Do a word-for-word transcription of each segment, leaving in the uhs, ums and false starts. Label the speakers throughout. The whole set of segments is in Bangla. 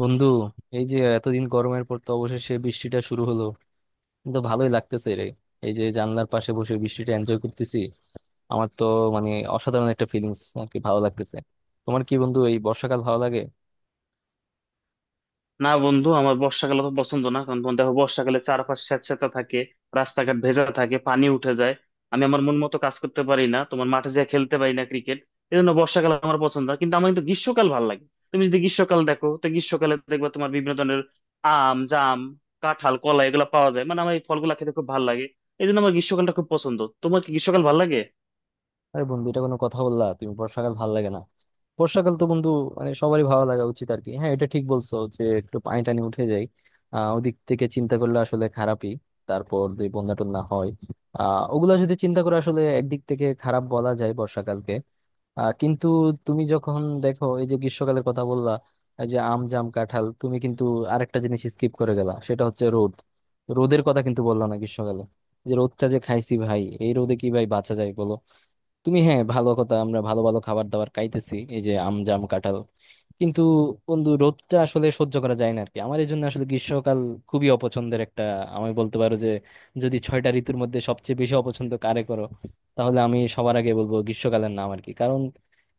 Speaker 1: বন্ধু, এই যে এতদিন গরমের পর তো অবশেষে বৃষ্টিটা শুরু হলো। কিন্তু ভালোই লাগতেছে রে। এই যে জানলার পাশে বসে বৃষ্টিটা এনজয় করতেছি। আমার তো মানে অসাধারণ একটা ফিলিংস আর কি, ভালো লাগতেছে। তোমার কি বন্ধু এই বর্ষাকাল ভালো লাগে?
Speaker 2: না বন্ধু, আমার বর্ষাকাল তো পছন্দ না। কারণ বন্ধু দেখো, বর্ষাকালে চারপাশ স্যাঁতসেঁতে থাকে, রাস্তাঘাট ভেজা থাকে, পানি উঠে যায়। আমি আমার মন মতো কাজ করতে পারি না, তোমার মাঠে যেয়ে খেলতে পারি না ক্রিকেট। এই জন্য বর্ষাকাল আমার পছন্দ না, কিন্তু আমার কিন্তু গ্রীষ্মকাল ভালো লাগে। তুমি যদি গ্রীষ্মকাল দেখো, তো গ্রীষ্মকালে দেখবা তোমার বিভিন্ন ধরনের আম, জাম, কাঁঠাল, কলা এগুলো পাওয়া যায়। মানে আমার এই ফলগুলা খেতে খুব ভালো লাগে। এই জন্য আমার গ্রীষ্মকালটা খুব পছন্দ। তোমার কি গ্রীষ্মকাল ভালো লাগে?
Speaker 1: আরে বন্ধু, এটা কোনো কথা বললা? তুমি বর্ষাকাল ভালো লাগে না? বর্ষাকাল তো বন্ধু মানে সবারই ভালো লাগা উচিত আর কি। হ্যাঁ, এটা ঠিক বলছো যে একটু পানি টানি উঠে যায়। আহ ওদিক থেকে চিন্তা করলে আসলে খারাপই। তারপর যদি বন্যা টন্যা হয়, আহ ওগুলা যদি চিন্তা করে আসলে একদিক থেকে খারাপ বলা যায় বর্ষাকালকে। আহ কিন্তু তুমি যখন দেখো এই যে গ্রীষ্মকালের কথা বললা, এই যে আম জাম কাঁঠাল, তুমি কিন্তু আরেকটা জিনিস স্কিপ করে গেলা, সেটা হচ্ছে রোদ। রোদের কথা কিন্তু বললা না গ্রীষ্মকালে। যে রোদটা যে খাইছি ভাই, এই রোদে কি ভাই বাঁচা যায় বলো? তুমি হ্যাঁ, ভালো কথা, আমরা ভালো ভালো খাবার দাবার খাইতেছি, এই যে আম জাম কাঁঠাল, কিন্তু বন্ধু রোদটা আসলে সহ্য করা যায় না আর কি। আমার এই জন্য আসলে গ্রীষ্মকাল খুবই অপছন্দের একটা। আমি বলতে পারো যে যদি ছয়টা ঋতুর মধ্যে সবচেয়ে বেশি অপছন্দ কারে করো, তাহলে আমি সবার আগে বলবো গ্রীষ্মকালের নাম আর কি। কারণ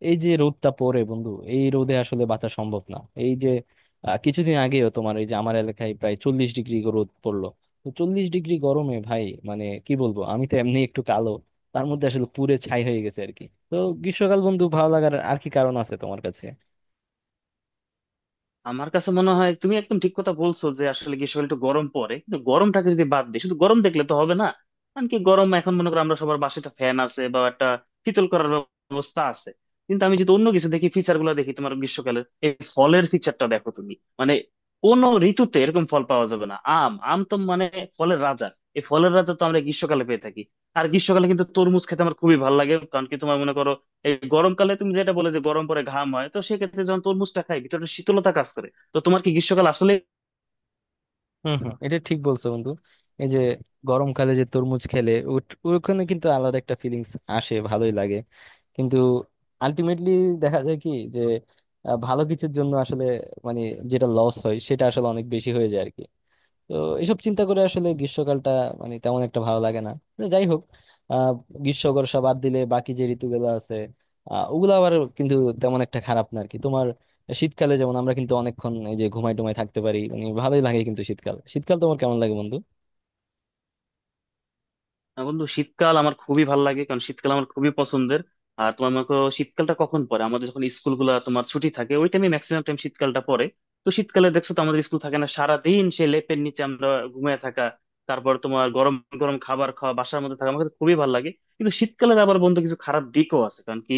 Speaker 1: এই যে রোদটা পড়ে বন্ধু, এই রোদে আসলে বাঁচা সম্ভব না। এই যে আহ, কিছুদিন আগেও তোমার এই যে আমার এলাকায় প্রায় চল্লিশ ডিগ্রি রোদ পড়লো। তো চল্লিশ ডিগ্রি গরমে ভাই মানে কি বলবো, আমি তো এমনি একটু কালো, তার মধ্যে আসলে পুড়ে ছাই হয়ে গেছে আর কি। তো গ্রীষ্মকাল বন্ধু ভালো লাগার আর কি কারণ আছে তোমার কাছে?
Speaker 2: আমার কাছে মনে হয় তুমি একদম ঠিক কথা বলছো, যে আসলে গ্রীষ্মকালে একটু গরম পড়ে, কিন্তু গরমটাকে যদি বাদ দিই, শুধু গরম দেখলে তো হবে না। কারণ কি, গরম এখন মনে করো আমরা সবার বাসায় একটা ফ্যান আছে, বা একটা শীতল করার ব্যবস্থা আছে। কিন্তু আমি যদি অন্য কিছু দেখি, ফিচার গুলো দেখি, তোমার গ্রীষ্মকালে এই ফলের ফিচারটা দেখো তুমি। মানে কোন ঋতুতে এরকম ফল পাওয়া যাবে না। আম আম তো মানে ফলের রাজা। এই ফলের রাজা তো আমরা গ্রীষ্মকালে পেয়ে থাকি। আর গ্রীষ্মকালে কিন্তু তরমুজ খেতে আমার খুবই ভালো লাগে। কারণ কি, তোমার মনে করো এই গরমকালে তুমি যেটা বলে যে গরম পরে ঘাম হয়, তো সেক্ষেত্রে যখন তরমুজটা খাই, ভিতরে একটা শীতলতা কাজ করে। তো তোমার কি গ্রীষ্মকাল আসলে।
Speaker 1: হম হম, এটা ঠিক বলছো বন্ধু। এই যে গরমকালে যে তরমুজ খেলে ওট- ওখানে কিন্তু আলাদা একটা ফিলিংস আসে, ভালোই লাগে। কিন্তু আলটিমেটলি দেখা যায় কি যে আহ, ভালো কিছুর জন্য আসলে মানে যেটা লস হয় সেটা আসলে অনেক বেশি হয়ে যায় আর কি। তো এসব চিন্তা করে আসলে গ্রীষ্মকালটা মানে তেমন একটা ভালো লাগে না। তো যাই হোক, আহ গ্রীষ্ম বর্ষা বাদ দিলে বাকি যে ঋতুগুলো আছে আহ ওগুলো আবার কিন্তু তেমন একটা খারাপ না আর কি। তোমার শীতকালে যেমন আমরা কিন্তু অনেকক্ষণ এই যে ঘুমাই টুমাই থাকতে পারি, মানে ভালোই লাগে। কিন্তু শীতকাল শীতকাল তোমার কেমন লাগে বন্ধু?
Speaker 2: বন্ধু, শীতকাল আমার খুবই ভালো লাগে, কারণ শীতকাল আমার খুবই পছন্দের। আর তোমার মনে করো, শীতকালটা কখন পড়ে, আমাদের যখন স্কুলগুলো তোমার ছুটি থাকে, ওই টাইমে ম্যাক্সিমাম টাইম শীতকালটা পড়ে। তো শীতকালে দেখছো তো আমাদের স্কুল থাকে না, সারাদিন সেই লেপের নিচে আমরা ঘুমিয়ে থাকা। তারপর তোমার গরম গরম খাবার খাওয়া, বাসার মধ্যে থাকা আমার কাছে খুবই ভালো লাগে। কিন্তু শীতকালের আবার বন্ধু কিছু খারাপ দিকও আছে। কারণ কি,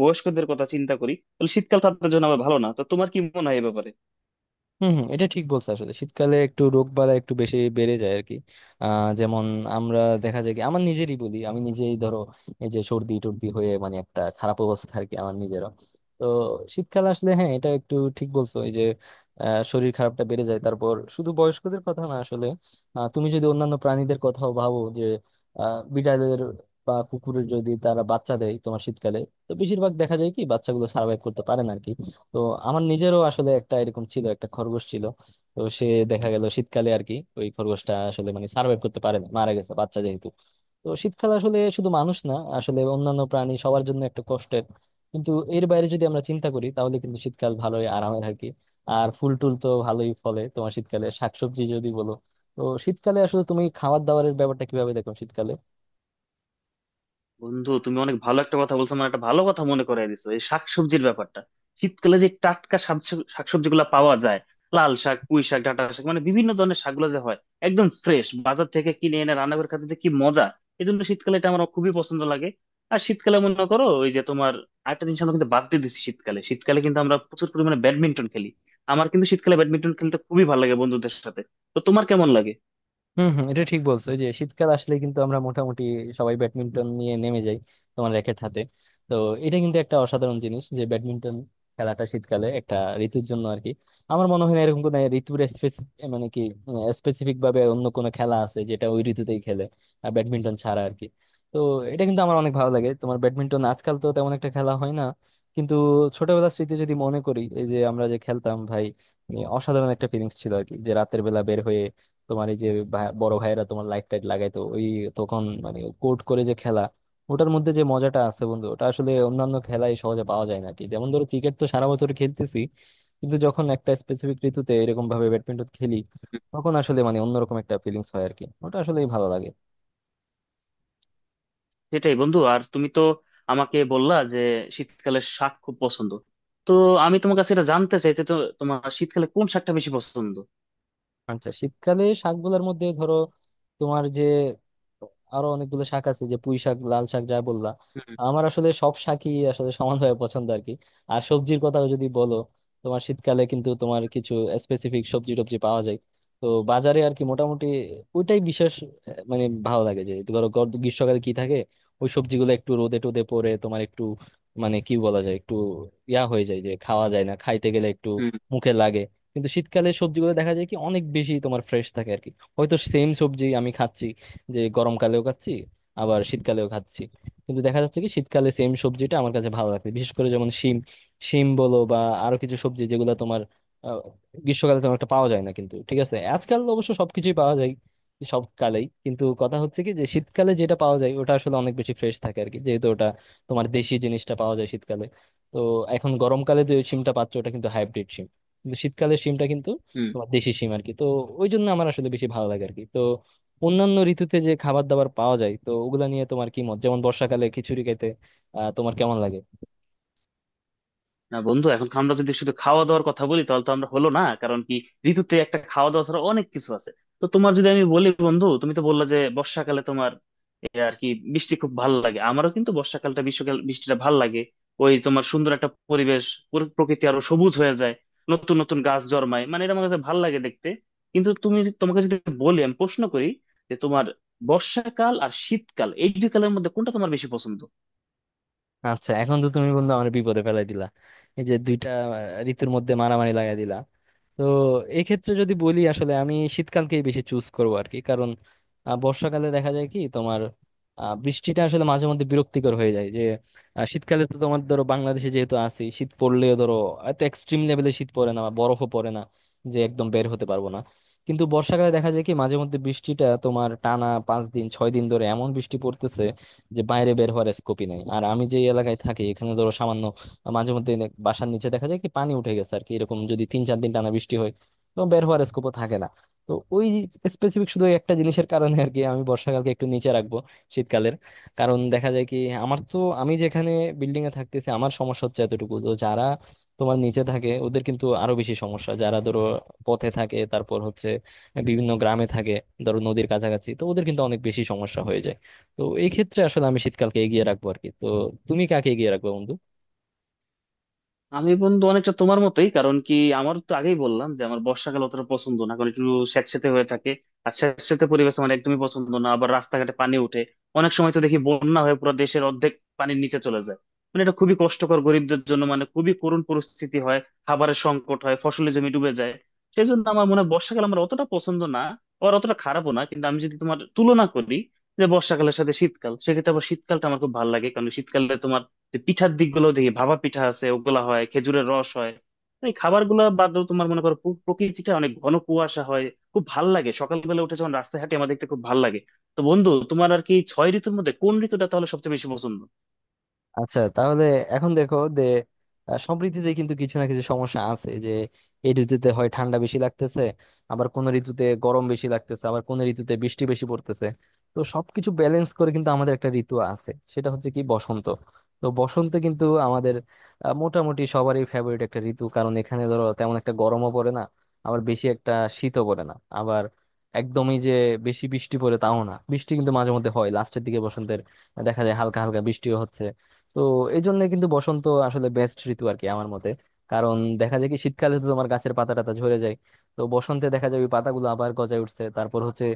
Speaker 2: বয়স্কদের কথা চিন্তা করি, তাহলে শীতকাল তাদের জন্য আবার ভালো না। তো তোমার কি মনে হয় এ ব্যাপারে?
Speaker 1: হম হম, এটা ঠিক বলছো। আসলে শীতকালে একটু রোগ বালা একটু বেশি বেড়ে যায় আর কি। আহ যেমন আমরা দেখা যায় কি, আমার নিজেরই বলি, আমি নিজেই ধরো এই যে সর্দি টর্দি হয়ে মানে একটা খারাপ অবস্থা আর কি আমার নিজেরও। তো শীতকাল আসলে হ্যাঁ, এটা একটু ঠিক বলছো। এই যে আহ, শরীর খারাপটা বেড়ে যায়। তারপর শুধু বয়স্কদের কথা না আসলে, আহ, তুমি যদি অন্যান্য প্রাণীদের কথাও ভাবো, যে আহ বিড়ালের বা কুকুরের যদি তারা বাচ্চা দেয় তোমার শীতকালে, তো বেশিরভাগ দেখা যায় কি বাচ্চাগুলো সার্ভাইভ করতে পারে না আর কি। তো আমার নিজেরও আসলে একটা এরকম ছিল, একটা খরগোশ ছিল। তো সে, দেখা গেল শীতকালে আর কি, ওই খরগোশটা আসলে মানে সার্ভাইভ করতে পারে না, মারা গেছে, বাচ্চা যেহেতু। তো শীতকাল আসলে শুধু মানুষ না আসলে অন্যান্য প্রাণী সবার জন্য একটা কষ্টের। কিন্তু এর বাইরে যদি আমরা চিন্তা করি তাহলে কিন্তু শীতকাল ভালোই, আরামের আর কি। আর ফুল টুল তো ভালোই ফলে তোমার শীতকালে, শাকসবজি যদি বলো। তো শীতকালে আসলে তুমি খাবার দাবারের ব্যাপারটা কিভাবে দেখো শীতকালে?
Speaker 2: বন্ধু, তুমি অনেক ভালো একটা কথা বলছো, মানে একটা ভালো কথা মনে করাই দিছো, এই শাকসবজির ব্যাপারটা। শীতকালে যে টাটকা শাকসবজি গুলা পাওয়া যায়, লাল শাক, পুঁই শাক, ডাঁটা শাক, মানে বিভিন্ন ধরনের শাকগুলো যে হয়, একদম ফ্রেশ বাজার থেকে কিনে এনে রান্না করে খেতে যে কি মজা! এই জন্য শীতকালে এটা আমার খুবই পছন্দ লাগে। আর শীতকালে মনে করো ওই যে তোমার আরেকটা জিনিস আমরা কিন্তু বাদ দিয়ে দিচ্ছি, শীতকালে শীতকালে কিন্তু আমরা প্রচুর পরিমাণে ব্যাডমিন্টন খেলি। আমার কিন্তু শীতকালে ব্যাডমিন্টন খেলতে খুবই ভালো লাগে বন্ধুদের সাথে। তো তোমার কেমন লাগে?
Speaker 1: হম হম, এটা ঠিক বলছো। এই যে শীতকাল আসলে কিন্তু আমরা মোটামুটি সবাই ব্যাডমিন্টন নিয়ে নেমে যাই তোমার র্যাকেট হাতে। তো এটা কিন্তু একটা অসাধারণ জিনিস, যে ব্যাডমিন্টন খেলাটা শীতকালে, একটা ঋতুর জন্য আর কি। আমার মনে হয় না এরকম কোনো ঋতুর স্পেসিফিক মানে কি, স্পেসিফিক ভাবে অন্য কোনো খেলা আছে যেটা ওই ঋতুতেই খেলে আর ব্যাডমিন্টন ছাড়া আর কি। তো এটা কিন্তু আমার অনেক ভালো লাগে। তোমার ব্যাডমিন্টন আজকাল তো তেমন একটা খেলা হয় না, কিন্তু ছোটবেলার স্মৃতি যদি মনে করি এই যে আমরা যে খেলতাম ভাই, এ অসাধারণ একটা ফিলিংস ছিল আর কি। যে রাতের বেলা বের হয়ে তোমার এই যে ভাই- বড় ভাইয়েরা তোমার লাইট টাইট লাগাইতো, ওই তখন মানে কোর্ট করে যে খেলা, ওটার মধ্যে যে মজাটা আছে বন্ধু ওটা আসলে অন্যান্য খেলায় সহজে পাওয়া যায় না আর কি। যেমন ধরো ক্রিকেট তো সারা বছর খেলতেছি, কিন্তু যখন একটা স্পেসিফিক ঋতুতে এরকম ভাবে ব্যাডমিন্টন খেলি, তখন আসলে মানে অন্যরকম একটা ফিলিংস হয় আর কি, ওটা আসলেই ভালো লাগে।
Speaker 2: সেটাই বন্ধু। আর তুমি তো আমাকে বললা যে শীতকালে শাক খুব পছন্দ। তো আমি তোমার কাছে এটা জানতে চাই যে, তো তোমার শীতকালে কোন শাকটা বেশি পছন্দ?
Speaker 1: আচ্ছা, শীতকালে শাকগুলোর মধ্যে ধরো তোমার যে আরো অনেকগুলো শাক আছে, যে পুঁই শাক লাল শাক যা বললা,
Speaker 2: হুম,
Speaker 1: আমার আসলে সব শাকই আসলে সমানভাবে পছন্দ আর কি। আর সবজির কথা যদি বলো, তোমার শীতকালে কিন্তু তোমার কিছু স্পেসিফিক সবজি টবজি পাওয়া যায়। তো বাজারে আর কি, মোটামুটি ওইটাই বিশেষ আহ, মানে ভালো লাগে যে। ধরো গর- গ্রীষ্মকালে কি থাকে, ওই সবজিগুলো একটু রোদে টোদে পড়ে তোমার একটু মানে কি বলা যায়, একটু ইয়া হয়ে যায় যে খাওয়া যায় না, খাইতে গেলে একটু
Speaker 2: হুম,
Speaker 1: মুখে লাগে। কিন্তু শীতকালে সবজিগুলো দেখা যায় কি অনেক বেশি তোমার ফ্রেশ থাকে আর কি। হয়তো সেম সবজি আমি খাচ্ছি যে গরমকালেও খাচ্ছি, আবার শীতকালেও খাচ্ছি। কিন্তু দেখা যাচ্ছে কি শীতকালে সেম সবজিটা আমার কাছে ভালো লাগে, বিশেষ করে যেমন শিম। শিম বলো বা আরো কিছু সবজি যেগুলো তোমার আহ, গ্রীষ্মকালে তেমন একটা পাওয়া যায় না। কিন্তু ঠিক আছে, আজকাল অবশ্য সবকিছুই পাওয়া যায় সব কালেই। কিন্তু কথা হচ্ছে কি যে শীতকালে যেটা পাওয়া যায় ওটা আসলে অনেক বেশি ফ্রেশ থাকে আর কি, যেহেতু ওটা তোমার দেশি জিনিসটা পাওয়া যায় শীতকালে। তো এখন গরমকালে যে শিমটা পাচ্ছ ওটা কিন্তু হাইব্রিড, কিন্তু শীতকালের শিমটা কিন্তু
Speaker 2: হুম।
Speaker 1: তোমার দেশি শিম আর কি। তো ওই জন্য আমার আসলে বেশি ভালো লাগে আর কি। তো অন্যান্য ঋতুতে যে খাবার দাবার পাওয়া যায় তো ওগুলা নিয়ে তোমার কি মত, যেমন বর্ষাকালে খিচুড়ি খেতে আহ তোমার কেমন লাগে?
Speaker 2: না বন্ধু, এখন আমরা যদি শুধু খাওয়া দাওয়ার কথা বলি, তাহলে তো আমরা হলো না। কারণ কি, ঋতুতে একটা খাওয়া দাওয়া ছাড়া অনেক কিছু আছে। তো তোমার যদি আমি বলি বন্ধু, তুমি তো বললা যে বর্ষাকালে তোমার এই আর কি বৃষ্টি খুব ভালো লাগে। আমারও কিন্তু বর্ষাকালটা, গ্রীষ্মকাল বৃষ্টিটা ভালো লাগে। ওই তোমার সুন্দর একটা পরিবেশ, পুরো প্রকৃতি আরো সবুজ হয়ে যায়, নতুন নতুন গাছ জন্মায়। মানে এটা আমার কাছে ভালো লাগে দেখতে। কিন্তু তুমি, তোমাকে যদি বলি, আমি প্রশ্ন করি যে তোমার বর্ষাকাল আর শীতকাল এই দুই কালের মধ্যে কোনটা তোমার বেশি পছন্দ?
Speaker 1: আচ্ছা, এখন তো তুমি বন্ধু আমার বিপদে ফেলাই দিলা। এই যে দুইটা আহ, ঋতুর মধ্যে মারামারি লাগাই দিলা। তো এই ক্ষেত্রে যদি বলি আসলে আমি শীতকালকেই বেশি চুজ করবো আর কি। কারণ আহ, বর্ষাকালে দেখা যায় কি তোমার আহ, বৃষ্টিটা আসলে মাঝে মধ্যে বিরক্তিকর হয়ে যায়। যে আহ, শীতকালে তো তোমার ধরো বাংলাদেশে যেহেতু আছি, শীত পড়লেও ধরো এত এক্সট্রিম লেভেলে শীত পড়ে না, বা বরফও পড়ে না, যে একদম বের হতে পারবো না। কিন্তু বর্ষাকালে দেখা যায় কি মাঝে মধ্যে বৃষ্টিটা তোমার টানা পাঁচ দিন ছয় দিন ধরে এমন বৃষ্টি পড়তেছে যে বাইরে বের হওয়ার স্কোপই নাই। আর আমি যে এলাকায় থাকি এখানে ধরো সামান্য মাঝে মধ্যে নে- বাসার নিচে দেখা যায় কি পানি উঠে গেছে আর কি। এরকম যদি তিন চার দিন টানা বৃষ্টি হয়, তো বের হওয়ার স্কোপও থাকে না। তো ওই স্পেসিফিক শুধু ওই একটা জিনিসের কারণে আর কি আমি বর্ষাকালকে একটু নিচে রাখবো শীতকালের। কারণ দেখা যায় কি আমার তো, আমি যেখানে বিল্ডিং এ থাকতেছি আমার সমস্যা হচ্ছে এতটুকু। তো যারা তোমার নিচে থাকে ওদের কিন্তু আরো বেশি সমস্যা, যারা ধরো পথে থাকে, তারপর হচ্ছে বিভিন্ন গ্রামে থাকে, ধরো নদীর কাছাকাছি, তো ওদের কিন্তু অনেক বেশি সমস্যা হয়ে যায়। তো এই ক্ষেত্রে আসলে আমি শীতকালকে এগিয়ে রাখবো আর কি। তো তুমি কাকে এগিয়ে রাখবে বন্ধু?
Speaker 2: আমি বন্ধু অনেকটা তোমার মতোই। কারণ কি, আমার তো আগেই বললাম যে আমার বর্ষাকাল অতটা পছন্দ না, কারণ একটু স্যাঁতসেঁতে হয়ে থাকে। আর স্যাঁতসেঁতে পরিবেশ আমার একদমই পছন্দ না। আবার রাস্তাঘাটে পানি উঠে, অনেক সময় তো দেখি বন্যা হয়ে পুরো দেশের অর্ধেক পানির নিচে চলে যায়। মানে এটা খুবই কষ্টকর গরিবদের জন্য, মানে খুবই করুণ পরিস্থিতি হয়, খাবারের সংকট হয়, ফসলের জমি ডুবে যায়। সেই জন্য আমার মনে হয় বর্ষাকাল আমার অতটা পছন্দ না, আর অতটা খারাপও না। কিন্তু আমি যদি তোমার তুলনা করি, যে বর্ষাকালের সাথে শীতকাল, সেক্ষেত্রে আবার শীতকালটা আমার খুব ভালো লাগে। কারণ শীতকালে তোমার যে পিঠার দিকগুলো দেখি, ভাপা পিঠা আছে, ওগুলা হয়, খেজুরের রস হয়। এই খাবার গুলা বাদেও তোমার মনে করো পু- প্রকৃতিটা অনেক ঘন কুয়াশা হয়, খুব ভাল লাগে। সকালবেলা উঠে যখন রাস্তায় হাঁটি, আমার দেখতে খুব ভাল লাগে। তো বন্ধু তোমার আর কি ছয় ঋতুর মধ্যে কোন ঋতুটা তাহলে সবচেয়ে বেশি পছন্দ?
Speaker 1: আচ্ছা, তাহলে এখন দেখো যে আহ, সব ঋতুতে কিন্তু কিছু না কিছু সমস্যা আছে। যে এই ঋতুতে হয় ঠান্ডা বেশি লাগতেছে, আবার কোন ঋতুতে গরম বেশি লাগতেছে, আবার কোন ঋতুতে বৃষ্টি বেশি পড়তেছে। তো সবকিছু ব্যালেন্স করে কিন্তু আমাদের একটা ঋতু আছে, সেটা হচ্ছে কি বসন্ত। তো বসন্তে কিন্তু আমাদের আহ, মোটামুটি সবারই ফেভারিট একটা ঋতু। কারণ এখানে ধরো তেমন একটা গরমও পড়ে না, আবার বেশি একটা শীতও পড়ে না, আবার একদমই যে বেশি বৃষ্টি পড়ে তাও না। বৃষ্টি কিন্তু মাঝে মধ্যে হয়, লাস্টের দিকে বসন্তের দেখা যায় হালকা হালকা বৃষ্টিও হচ্ছে। তো এই জন্য কিন্তু বসন্ত আসলে বেস্ট ঋতু আর কি আমার মতে। কারণ দেখা যায় কি শীতকালে তো তোমার গাছের পাতা টাতা ঝরে যায়, তো বসন্তে দেখা যায় ওই পাতাগুলো আবার গজায় উঠছে। তারপর হচ্ছে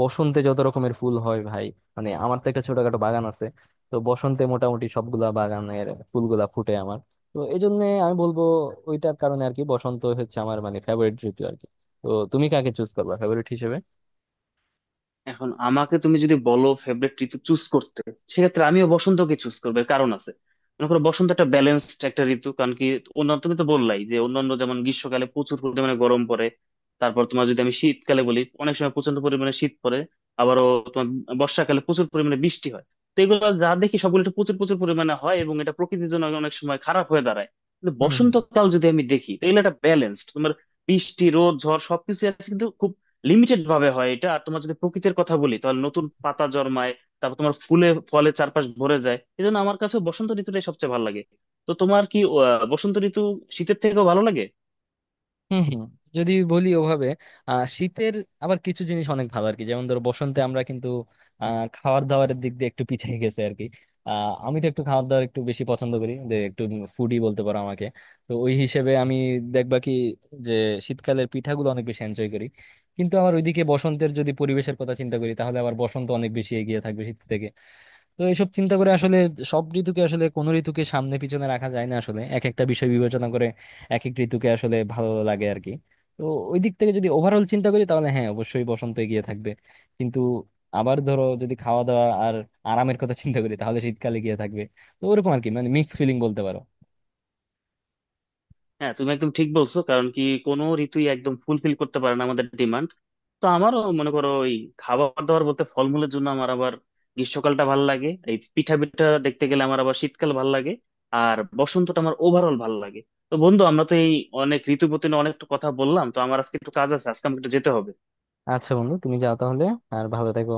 Speaker 1: বসন্তে যত রকমের ফুল হয় ভাই, মানে আমার তো একটা ছোটখাটো বাগান আছে, তো বসন্তে মোটামুটি সবগুলা বাগানের ফুলগুলা ফুটে আমার। তো এই জন্য আমি বলবো ওইটার কারণে আর কি বসন্ত হচ্ছে আমার মানে ফেভারিট ঋতু আর কি। তো তুমি কাকে চুজ করবা ফেভারিট
Speaker 2: এখন আমাকে তুমি যদি বলো ফেভারিট ঋতু চুজ করতে, সেক্ষেত্রে আমিও বসন্তকে চুজ করবো। এর কারণ আছে। মনে করো বসন্ত একটা ব্যালেন্সড একটা ঋতু। কারণ কি, অন্য, তুমি তো বললাই যে অন্যান্য, যেমন গ্রীষ্মকালে প্রচুর পরিমাণে গরম পড়ে। তারপর তোমার যদি আমি শীতকালে বলি, অনেক সময় প্রচন্ড পরিমাণে শীত পড়ে। আবারও তোমার বর্ষাকালে প্রচুর পরিমাণে বৃষ্টি হয়। তো এগুলো যা দেখি সবগুলো একটু প্রচুর প্রচুর পরিমাণে হয়, এবং এটা প্রকৃতির জন্য অনেক সময় খারাপ হয়ে দাঁড়ায়। কিন্তু
Speaker 1: হিসেবে?
Speaker 2: বসন্তকাল যদি আমি দেখি, তাহলে এটা ব্যালেন্সড তোমার বৃষ্টি, রোদ, ঝড় সবকিছু আছে, কিন্তু খুব লিমিটেড ভাবে হয় এটা। আর তোমার যদি প্রকৃতির কথা বলি, তাহলে নতুন পাতা জন্মায়, তারপর তোমার ফুলে ফলে চারপাশ ভরে যায়। এই জন্য আমার কাছে বসন্ত ঋতুটাই সবচেয়ে ভালো লাগে। তো তোমার কি আহ, বসন্ত ঋতু শীতের থেকেও ভালো লাগে?
Speaker 1: হম হম, যদি বলি ওভাবে, আহ শীতের আবার কিছু জিনিস অনেক ভালো আর কি। যেমন ধরো বসন্তে আমরা কিন্তু আহ খাবার দাবারের দিক দিয়ে একটু পিছিয়ে গেছে আর কি। আহ আমি তো একটু খাবার দাবার একটু বেশি পছন্দ করি, যে একটু ফুডি বলতে পারো আমাকে। তো ওই হিসেবে আমি দেখবা কি যে শীতকালের পিঠাগুলো অনেক বেশি এনজয় করি। কিন্তু আবার ওইদিকে বসন্তের যদি পরিবেশের কথা চিন্তা করি তাহলে আবার বসন্ত অনেক বেশি এগিয়ে থাকবে শীত থেকে। তো এইসব চিন্তা করে আসলে সব ঋতুকে আসলে, কোন ঋতুকে সামনে পিছনে রাখা যায় না আসলে। এক একটা বিষয় বিবেচনা করে এক এক ঋতুকে আসলে ভালো লাগে আর কি। তো ওই দিক থেকে যদি ওভারঅল চিন্তা করি তাহলে হ্যাঁ, অবশ্যই বসন্ত এগিয়ে থাকবে। কিন্তু আবার ধরো যদি খাওয়া দাওয়া আর আরামের কথা চিন্তা করি, তাহলে শীতকালে গিয়ে থাকবে। তো ওরকম আর কি, মানে মিক্স ফিলিং বলতে পারো।
Speaker 2: হ্যাঁ, তুমি একদম ঠিক বলছো। কারণ কি, কোনো ঋতুই একদম ফুলফিল করতে পারে না আমাদের ডিমান্ড। তো আমারও মনে করো ওই খাবার দাবার বলতে, ফলমূলের জন্য আমার আবার গ্রীষ্মকালটা ভালো লাগে। এই পিঠা পিঠা দেখতে গেলে আমার আবার শীতকাল ভালো লাগে। আর বসন্তটা আমার ওভারঅল ভালো লাগে। তো বন্ধু, আমরা তো এই অনেক ঋতু নিয়ে অনেক কথা বললাম। তো আমার আজকে একটু কাজ আছে, আজকে আমাকে একটু যেতে হবে।
Speaker 1: আচ্ছা বন্ধু, তুমি যাও তাহলে। আর ভালো থেকো।